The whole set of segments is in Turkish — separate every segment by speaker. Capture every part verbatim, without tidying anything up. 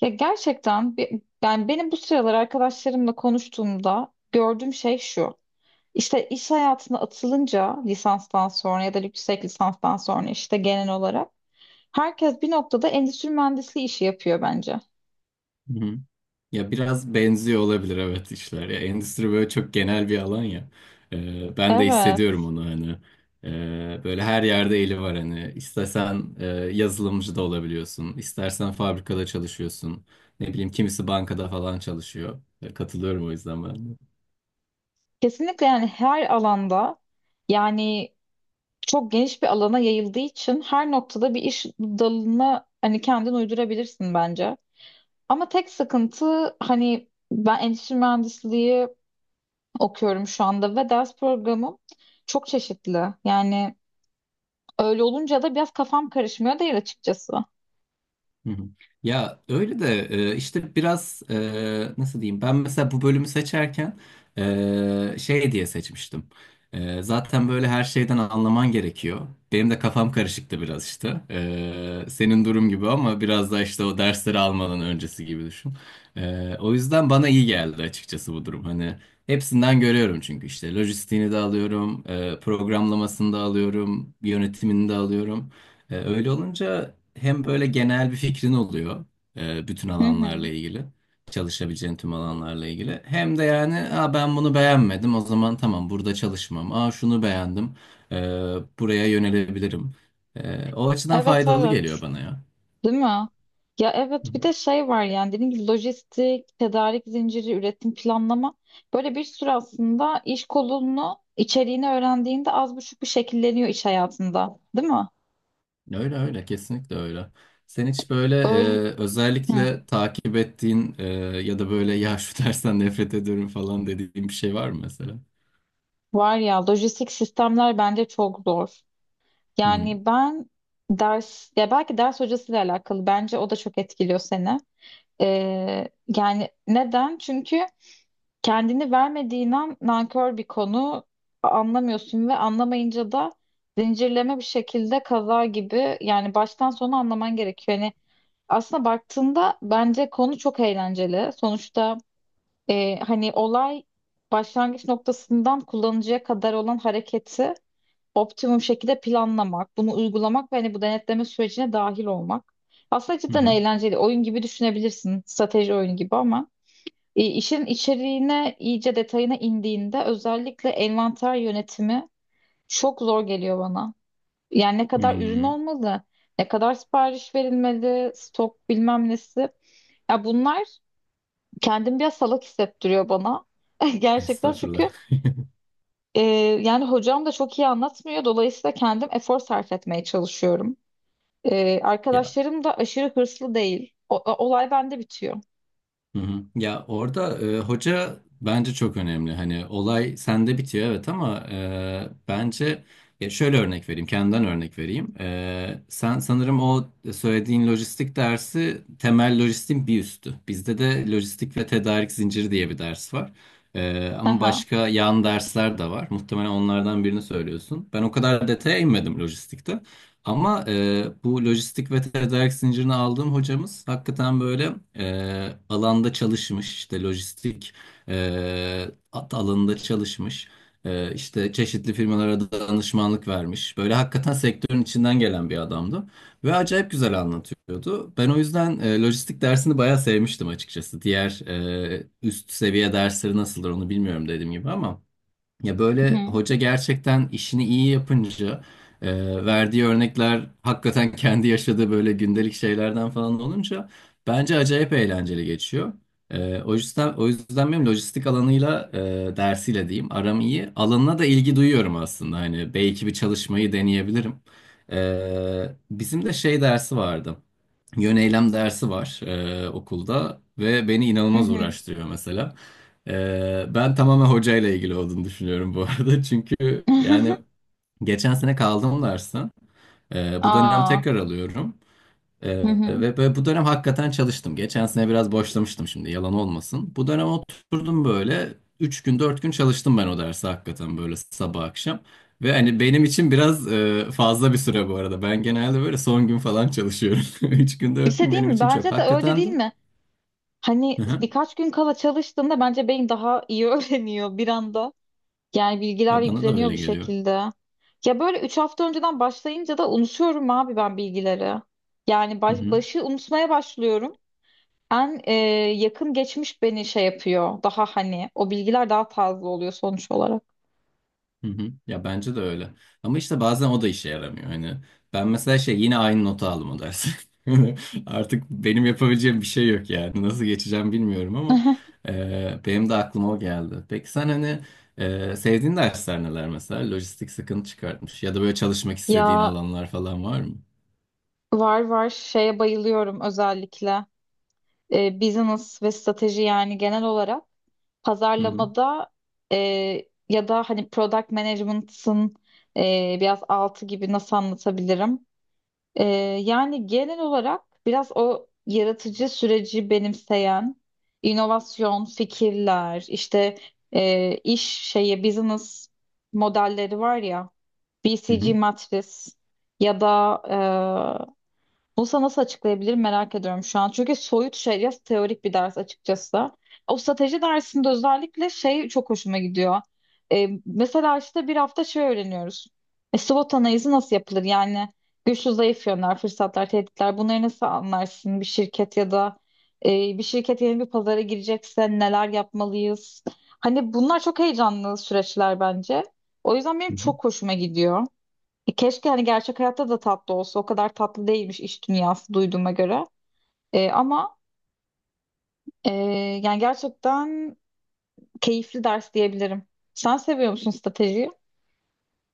Speaker 1: Ya gerçekten bi- yani benim bu sıralar arkadaşlarımla konuştuğumda gördüğüm şey şu. İşte iş hayatına atılınca lisanstan sonra ya da yüksek lisanstan sonra işte genel olarak herkes bir noktada endüstri mühendisliği işi yapıyor bence.
Speaker 2: Hı hı. Ya biraz benziyor olabilir evet işler. Ya endüstri böyle çok genel bir alan ya. Ee, ben de
Speaker 1: Evet.
Speaker 2: hissediyorum onu hani. Ee, böyle her yerde eli var hani. İstesen e, yazılımcı da olabiliyorsun. İstersen fabrikada çalışıyorsun. Ne bileyim kimisi bankada falan çalışıyor. Ya, katılıyorum o yüzden ben de.
Speaker 1: Kesinlikle yani her alanda yani çok geniş bir alana yayıldığı için her noktada bir iş dalına hani kendin uydurabilirsin bence. Ama tek sıkıntı hani ben endüstri mühendisliği okuyorum şu anda ve ders programım çok çeşitli. Yani öyle olunca da biraz kafam karışmıyor değil açıkçası.
Speaker 2: Hı hı. Ya öyle de e, işte biraz e, nasıl diyeyim ben mesela bu bölümü seçerken e, şey diye seçmiştim. E, zaten böyle her şeyden anlaman gerekiyor. Benim de kafam karışıktı biraz işte. E, senin durum gibi ama biraz da işte o dersleri almadan öncesi gibi düşün. E, o yüzden bana iyi geldi açıkçası bu durum. Hani hepsinden görüyorum çünkü işte lojistiğini de alıyorum, e, programlamasını da alıyorum, yönetimini de alıyorum. E, öyle olunca hem böyle genel bir fikrin oluyor e, bütün
Speaker 1: Hı
Speaker 2: alanlarla
Speaker 1: hı.
Speaker 2: ilgili, çalışabileceğin tüm alanlarla ilgili. Hem de yani Aa, ben bunu beğenmedim o zaman tamam burada çalışmam. Aa şunu beğendim e, buraya yönelebilirim. E, o açıdan
Speaker 1: Evet,
Speaker 2: faydalı
Speaker 1: evet.
Speaker 2: geliyor bana ya.
Speaker 1: Değil mi? Ya
Speaker 2: Hı
Speaker 1: evet, bir
Speaker 2: hı.
Speaker 1: de şey var yani dediğim gibi lojistik, tedarik zinciri, üretim planlama böyle bir sürü aslında iş kolunu içeriğini öğrendiğinde az buçuk bir şekilleniyor iş hayatında. Değil mi?
Speaker 2: Öyle öyle kesinlikle öyle. Sen hiç böyle
Speaker 1: Öyle.
Speaker 2: e, özellikle takip ettiğin e, ya da böyle ya şu dersten nefret ediyorum falan dediğin bir şey var mı mesela?
Speaker 1: Var ya, lojistik sistemler bence çok zor.
Speaker 2: Hı hı.
Speaker 1: Yani ben ders, ya belki ders hocasıyla alakalı bence o da çok etkiliyor seni. Ee, yani neden? Çünkü kendini vermediğin an nankör bir konu, anlamıyorsun ve anlamayınca da zincirleme bir şekilde kaza gibi, yani baştan sona anlaman gerekiyor. Yani aslında baktığında bence konu çok eğlenceli. Sonuçta e, hani olay başlangıç noktasından kullanıcıya kadar olan hareketi optimum şekilde planlamak, bunu uygulamak ve hani bu denetleme sürecine dahil olmak. Aslında
Speaker 2: Hı
Speaker 1: cidden
Speaker 2: hı.
Speaker 1: eğlenceli. Oyun gibi düşünebilirsin. Strateji oyunu gibi ama e, işin içeriğine, iyice detayına indiğinde özellikle envanter yönetimi çok zor geliyor bana. Yani ne kadar ürün
Speaker 2: Hı.
Speaker 1: olmalı, ne kadar sipariş verilmeli, stok bilmem nesi. Ya bunlar kendimi biraz salak hissettiriyor bana. Gerçekten, çünkü
Speaker 2: Estağfurullah.
Speaker 1: e, yani hocam da çok iyi anlatmıyor. Dolayısıyla kendim efor sarf etmeye çalışıyorum. Ee,
Speaker 2: Ya.
Speaker 1: arkadaşlarım da aşırı hırslı değil. O- o- olay bende bitiyor.
Speaker 2: Hı hı. Ya orada e, hoca bence çok önemli. Hani olay sende bitiyor evet ama e, bence ya şöyle örnek vereyim, kendimden örnek vereyim. E, sen sanırım o söylediğin lojistik dersi temel lojistiğin bir üstü. Bizde de lojistik ve tedarik zinciri diye bir ders var. E, ama
Speaker 1: Aha.
Speaker 2: başka yan dersler de var. Muhtemelen onlardan birini söylüyorsun. Ben o kadar detaya inmedim lojistikte. Ama e, bu lojistik ve tedarik zincirini aldığım hocamız hakikaten böyle e, alanda çalışmış işte lojistik e, at alanında çalışmış. E, işte çeşitli firmalara da danışmanlık vermiş böyle hakikaten sektörün içinden gelen bir adamdı ve acayip güzel anlatıyordu. Ben o yüzden e, lojistik dersini bayağı sevmiştim açıkçası diğer e, üst seviye dersleri nasıldır onu bilmiyorum dediğim gibi ama. Ya
Speaker 1: Hı
Speaker 2: böyle
Speaker 1: hı.
Speaker 2: hoca gerçekten işini iyi yapınca e, verdiği örnekler hakikaten kendi yaşadığı böyle gündelik şeylerden falan olunca bence acayip eğlenceli geçiyor. E, o yüzden o yüzden benim lojistik alanıyla e, dersiyle diyeyim aram iyi. Alanına da ilgi duyuyorum aslında. Hani belki bir çalışmayı deneyebilirim. E, bizim de şey dersi vardı. Yöneylem dersi var e, okulda ve beni
Speaker 1: Hı
Speaker 2: inanılmaz
Speaker 1: hı.
Speaker 2: uğraştırıyor mesela. Ee, ben tamamen hocayla ilgili olduğunu düşünüyorum bu arada. Çünkü yani geçen sene kaldım dersten. Ee, bu dönem
Speaker 1: Aa.
Speaker 2: tekrar alıyorum. Ee,
Speaker 1: Hı hı.
Speaker 2: ve böyle bu dönem hakikaten çalıştım. Geçen sene biraz boşlamıştım şimdi yalan olmasın. Bu dönem oturdum böyle üç gün dört gün çalıştım ben o dersi hakikaten böyle sabah akşam. Ve hani benim için biraz e, fazla bir süre bu arada. Ben genelde böyle son gün falan çalışıyorum. Üç gün
Speaker 1: Bir
Speaker 2: dört
Speaker 1: şey
Speaker 2: gün
Speaker 1: diyeyim
Speaker 2: benim
Speaker 1: mi?
Speaker 2: için çok.
Speaker 1: Bence de öyle,
Speaker 2: Hakikaten
Speaker 1: değil
Speaker 2: de.
Speaker 1: mi?
Speaker 2: Hı
Speaker 1: Hani
Speaker 2: hı.
Speaker 1: birkaç gün kala çalıştığında bence beyin daha iyi öğreniyor bir anda. Yani bilgiler
Speaker 2: Ya bana da
Speaker 1: yükleniyor
Speaker 2: öyle
Speaker 1: bir
Speaker 2: geliyor.
Speaker 1: şekilde. Ya böyle üç hafta önceden başlayınca da unutuyorum abi ben bilgileri. Yani baş- başı unutmaya başlıyorum. En e, yakın geçmiş beni şey yapıyor. Daha hani o bilgiler daha taze oluyor sonuç olarak.
Speaker 2: Hı hı. Ya bence de öyle. Ama işte bazen o da işe yaramıyor. Hani ben mesela şey yine aynı notu aldım o dersi. Artık benim yapabileceğim bir şey yok yani. Nasıl geçeceğim bilmiyorum ama e, benim de aklıma o geldi. Peki sen hani e, sevdiğin dersler neler mesela? Lojistik sıkıntı çıkartmış ya da böyle çalışmak istediğin
Speaker 1: Ya
Speaker 2: alanlar falan var mı?
Speaker 1: var, var, şeye bayılıyorum özellikle e, business ve strateji, yani genel olarak
Speaker 2: Hı hı.
Speaker 1: pazarlamada, e, ya da hani product management'ın e, biraz altı gibi, nasıl anlatabilirim? E, Yani genel olarak biraz o yaratıcı süreci benimseyen inovasyon fikirler işte, e, iş şeye business modelleri var ya, B C G
Speaker 2: Hı
Speaker 1: matris ya da e, bunu sana nasıl açıklayabilirim merak ediyorum şu an. Çünkü soyut şey ya, teorik bir ders açıkçası. O strateji dersinde özellikle şey çok hoşuma gidiyor. Ee, mesela işte bir hafta şey öğreniyoruz. E, SWOT analizi nasıl yapılır? Yani güçlü zayıf yönler, fırsatlar, tehditler, bunları nasıl anlarsın? Bir şirket ya da e, bir şirket yeni bir pazara girecekse neler yapmalıyız? Hani bunlar çok heyecanlı süreçler bence. O yüzden benim
Speaker 2: hı.
Speaker 1: çok hoşuma gidiyor. E, Keşke hani gerçek hayatta da tatlı olsa. O kadar tatlı değilmiş iş dünyası duyduğuma göre. E, ama e, yani gerçekten keyifli ders diyebilirim. Sen seviyor musun stratejiyi?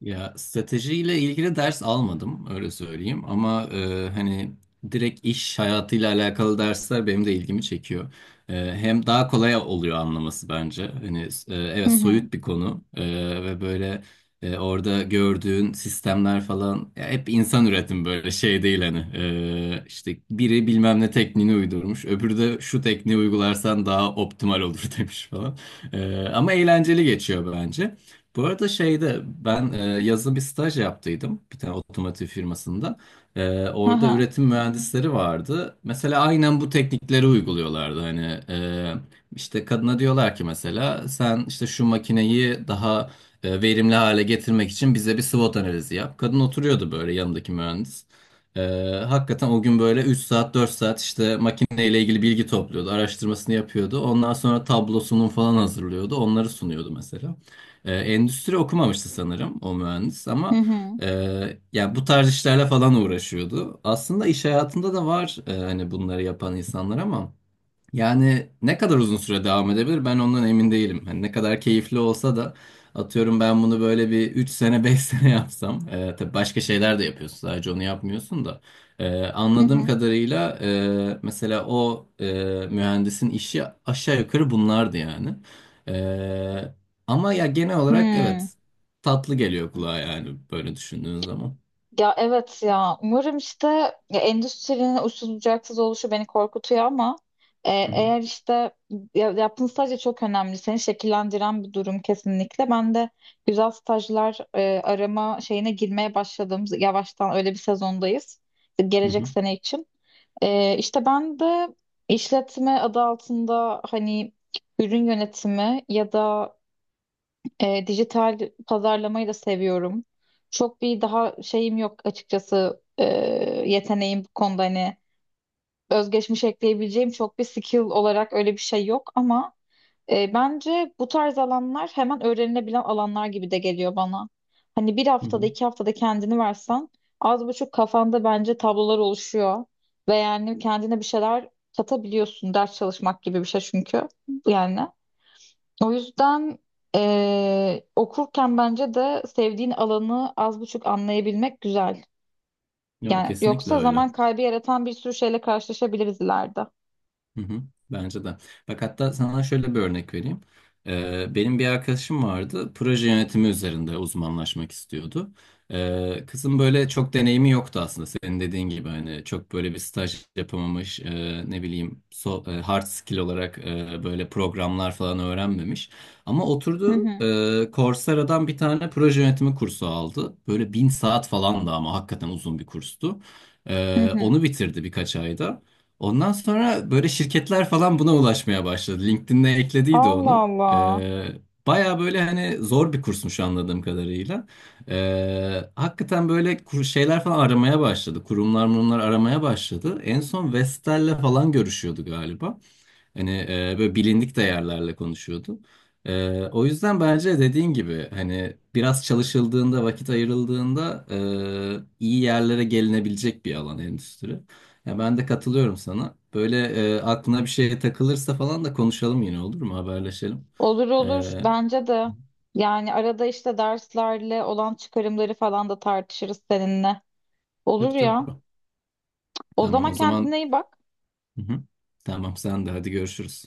Speaker 2: Ya stratejiyle ilgili ders almadım öyle söyleyeyim ama e, hani direkt iş hayatıyla alakalı dersler benim de ilgimi çekiyor. E, hem daha kolay oluyor anlaması bence. Hani e,
Speaker 1: Hı
Speaker 2: evet
Speaker 1: hı.
Speaker 2: soyut bir konu. E, ve böyle e, orada gördüğün sistemler falan ya hep insan üretim böyle şey değil hani. E, işte biri bilmem ne tekniğini uydurmuş öbürü de şu tekniği uygularsan daha optimal olur demiş falan. E, ama eğlenceli geçiyor bence. Bu arada şeyde ben e, yazın bir staj yaptıydım bir tane otomotiv firmasında. E,
Speaker 1: Hı
Speaker 2: orada
Speaker 1: hı.
Speaker 2: üretim mühendisleri vardı. Mesela aynen bu teknikleri uyguluyorlardı. Hani e, işte kadına diyorlar ki mesela sen işte şu makineyi daha e, verimli hale getirmek için bize bir SWOT analizi yap. Kadın oturuyordu böyle yanındaki mühendis. E, hakikaten o gün böyle üç saat dört saat işte makineyle ilgili bilgi topluyordu, araştırmasını yapıyordu. Ondan sonra tablosunun falan hazırlıyordu, onları sunuyordu mesela. E, endüstri okumamıştı sanırım o mühendis
Speaker 1: Hı
Speaker 2: ama
Speaker 1: hı.
Speaker 2: e, ya bu tarz işlerle falan uğraşıyordu. Aslında iş hayatında da var e, hani bunları yapan insanlar ama. Yani ne kadar uzun süre devam edebilir ben ondan emin değilim. Hani ne kadar keyifli olsa da atıyorum ben bunu böyle bir üç sene beş sene yapsam. E, tabii başka şeyler de yapıyorsun sadece onu yapmıyorsun da. E,
Speaker 1: Hı
Speaker 2: anladığım
Speaker 1: hı.
Speaker 2: kadarıyla e, mesela o e, mühendisin işi aşağı yukarı bunlardı yani. E, ama ya genel olarak evet
Speaker 1: Hı.
Speaker 2: tatlı geliyor kulağa yani böyle düşündüğün zaman.
Speaker 1: Ya evet, ya umarım işte, ya endüstrinin uçsuz bucaksız oluşu beni korkutuyor ama e,
Speaker 2: Hı hı,
Speaker 1: eğer işte ya, yaptığın staj da çok önemli, seni şekillendiren bir durum kesinlikle. Ben de güzel stajlar e, arama şeyine girmeye başladım yavaştan, öyle bir sezondayız
Speaker 2: hı
Speaker 1: gelecek
Speaker 2: hı,
Speaker 1: sene için. E, işte ben de işletme adı altında hani ürün yönetimi ya da e, dijital pazarlamayı da seviyorum. Çok bir daha şeyim yok açıkçası, e, yeteneğim bu konuda, hani özgeçmiş ekleyebileceğim çok bir skill olarak öyle bir şey yok ama e, bence bu tarz alanlar hemen öğrenilebilen alanlar gibi de geliyor bana. Hani bir
Speaker 2: hı
Speaker 1: haftada,
Speaker 2: hı.
Speaker 1: iki haftada kendini versen az buçuk kafanda bence tablolar oluşuyor ve yani kendine bir şeyler katabiliyorsun, ders çalışmak gibi bir şey çünkü yani. O yüzden eee, okurken bence de sevdiğin alanı az buçuk anlayabilmek güzel.
Speaker 2: Ya
Speaker 1: Yani
Speaker 2: kesinlikle
Speaker 1: yoksa
Speaker 2: öyle.
Speaker 1: zaman kaybı yaratan bir sürü şeyle karşılaşabiliriz ileride.
Speaker 2: Hı hı, bence de. Bak hatta sana şöyle bir örnek vereyim. Ee, benim bir arkadaşım vardı. Proje yönetimi üzerinde uzmanlaşmak istiyordu. Ee, kızın böyle çok deneyimi yoktu aslında. Senin dediğin gibi hani çok böyle bir staj yapamamış, e, ne bileyim so- e, hard skill olarak e, böyle programlar falan öğrenmemiş. Ama
Speaker 1: Hı
Speaker 2: oturdu
Speaker 1: hı,
Speaker 2: e, Coursera'dan bir tane proje yönetimi kursu aldı. Böyle bin saat falan da ama hakikaten uzun bir kurstu.
Speaker 1: hı
Speaker 2: Ee,
Speaker 1: hı.
Speaker 2: onu bitirdi birkaç ayda. Ondan sonra böyle şirketler falan buna ulaşmaya başladı. LinkedIn'e eklediydi
Speaker 1: Allah
Speaker 2: onu.
Speaker 1: Allah.
Speaker 2: Ee, baya böyle hani zor bir kursmuş anladığım kadarıyla. Ee, hakikaten böyle kur- şeyler falan aramaya başladı. Kurumlar bunlar aramaya başladı. En son Vestel'le falan görüşüyordu galiba. Hani e, böyle bilindik değerlerle konuşuyordu. E, o yüzden bence dediğin gibi hani biraz çalışıldığında, vakit ayrıldığında e, iyi yerlere gelinebilecek bir alan endüstri. Ya ben de katılıyorum sana. Böyle e, aklına bir şey takılırsa falan da konuşalım yine olur mu? Haberleşelim.
Speaker 1: Olur,
Speaker 2: E,
Speaker 1: olur, bence de. Yani arada işte derslerle olan çıkarımları falan da tartışırız seninle. Olur
Speaker 2: tabii tabii.
Speaker 1: ya. O
Speaker 2: Tamam
Speaker 1: zaman
Speaker 2: o zaman.
Speaker 1: kendine iyi bak.
Speaker 2: Hı hı. Tamam sen de hadi görüşürüz.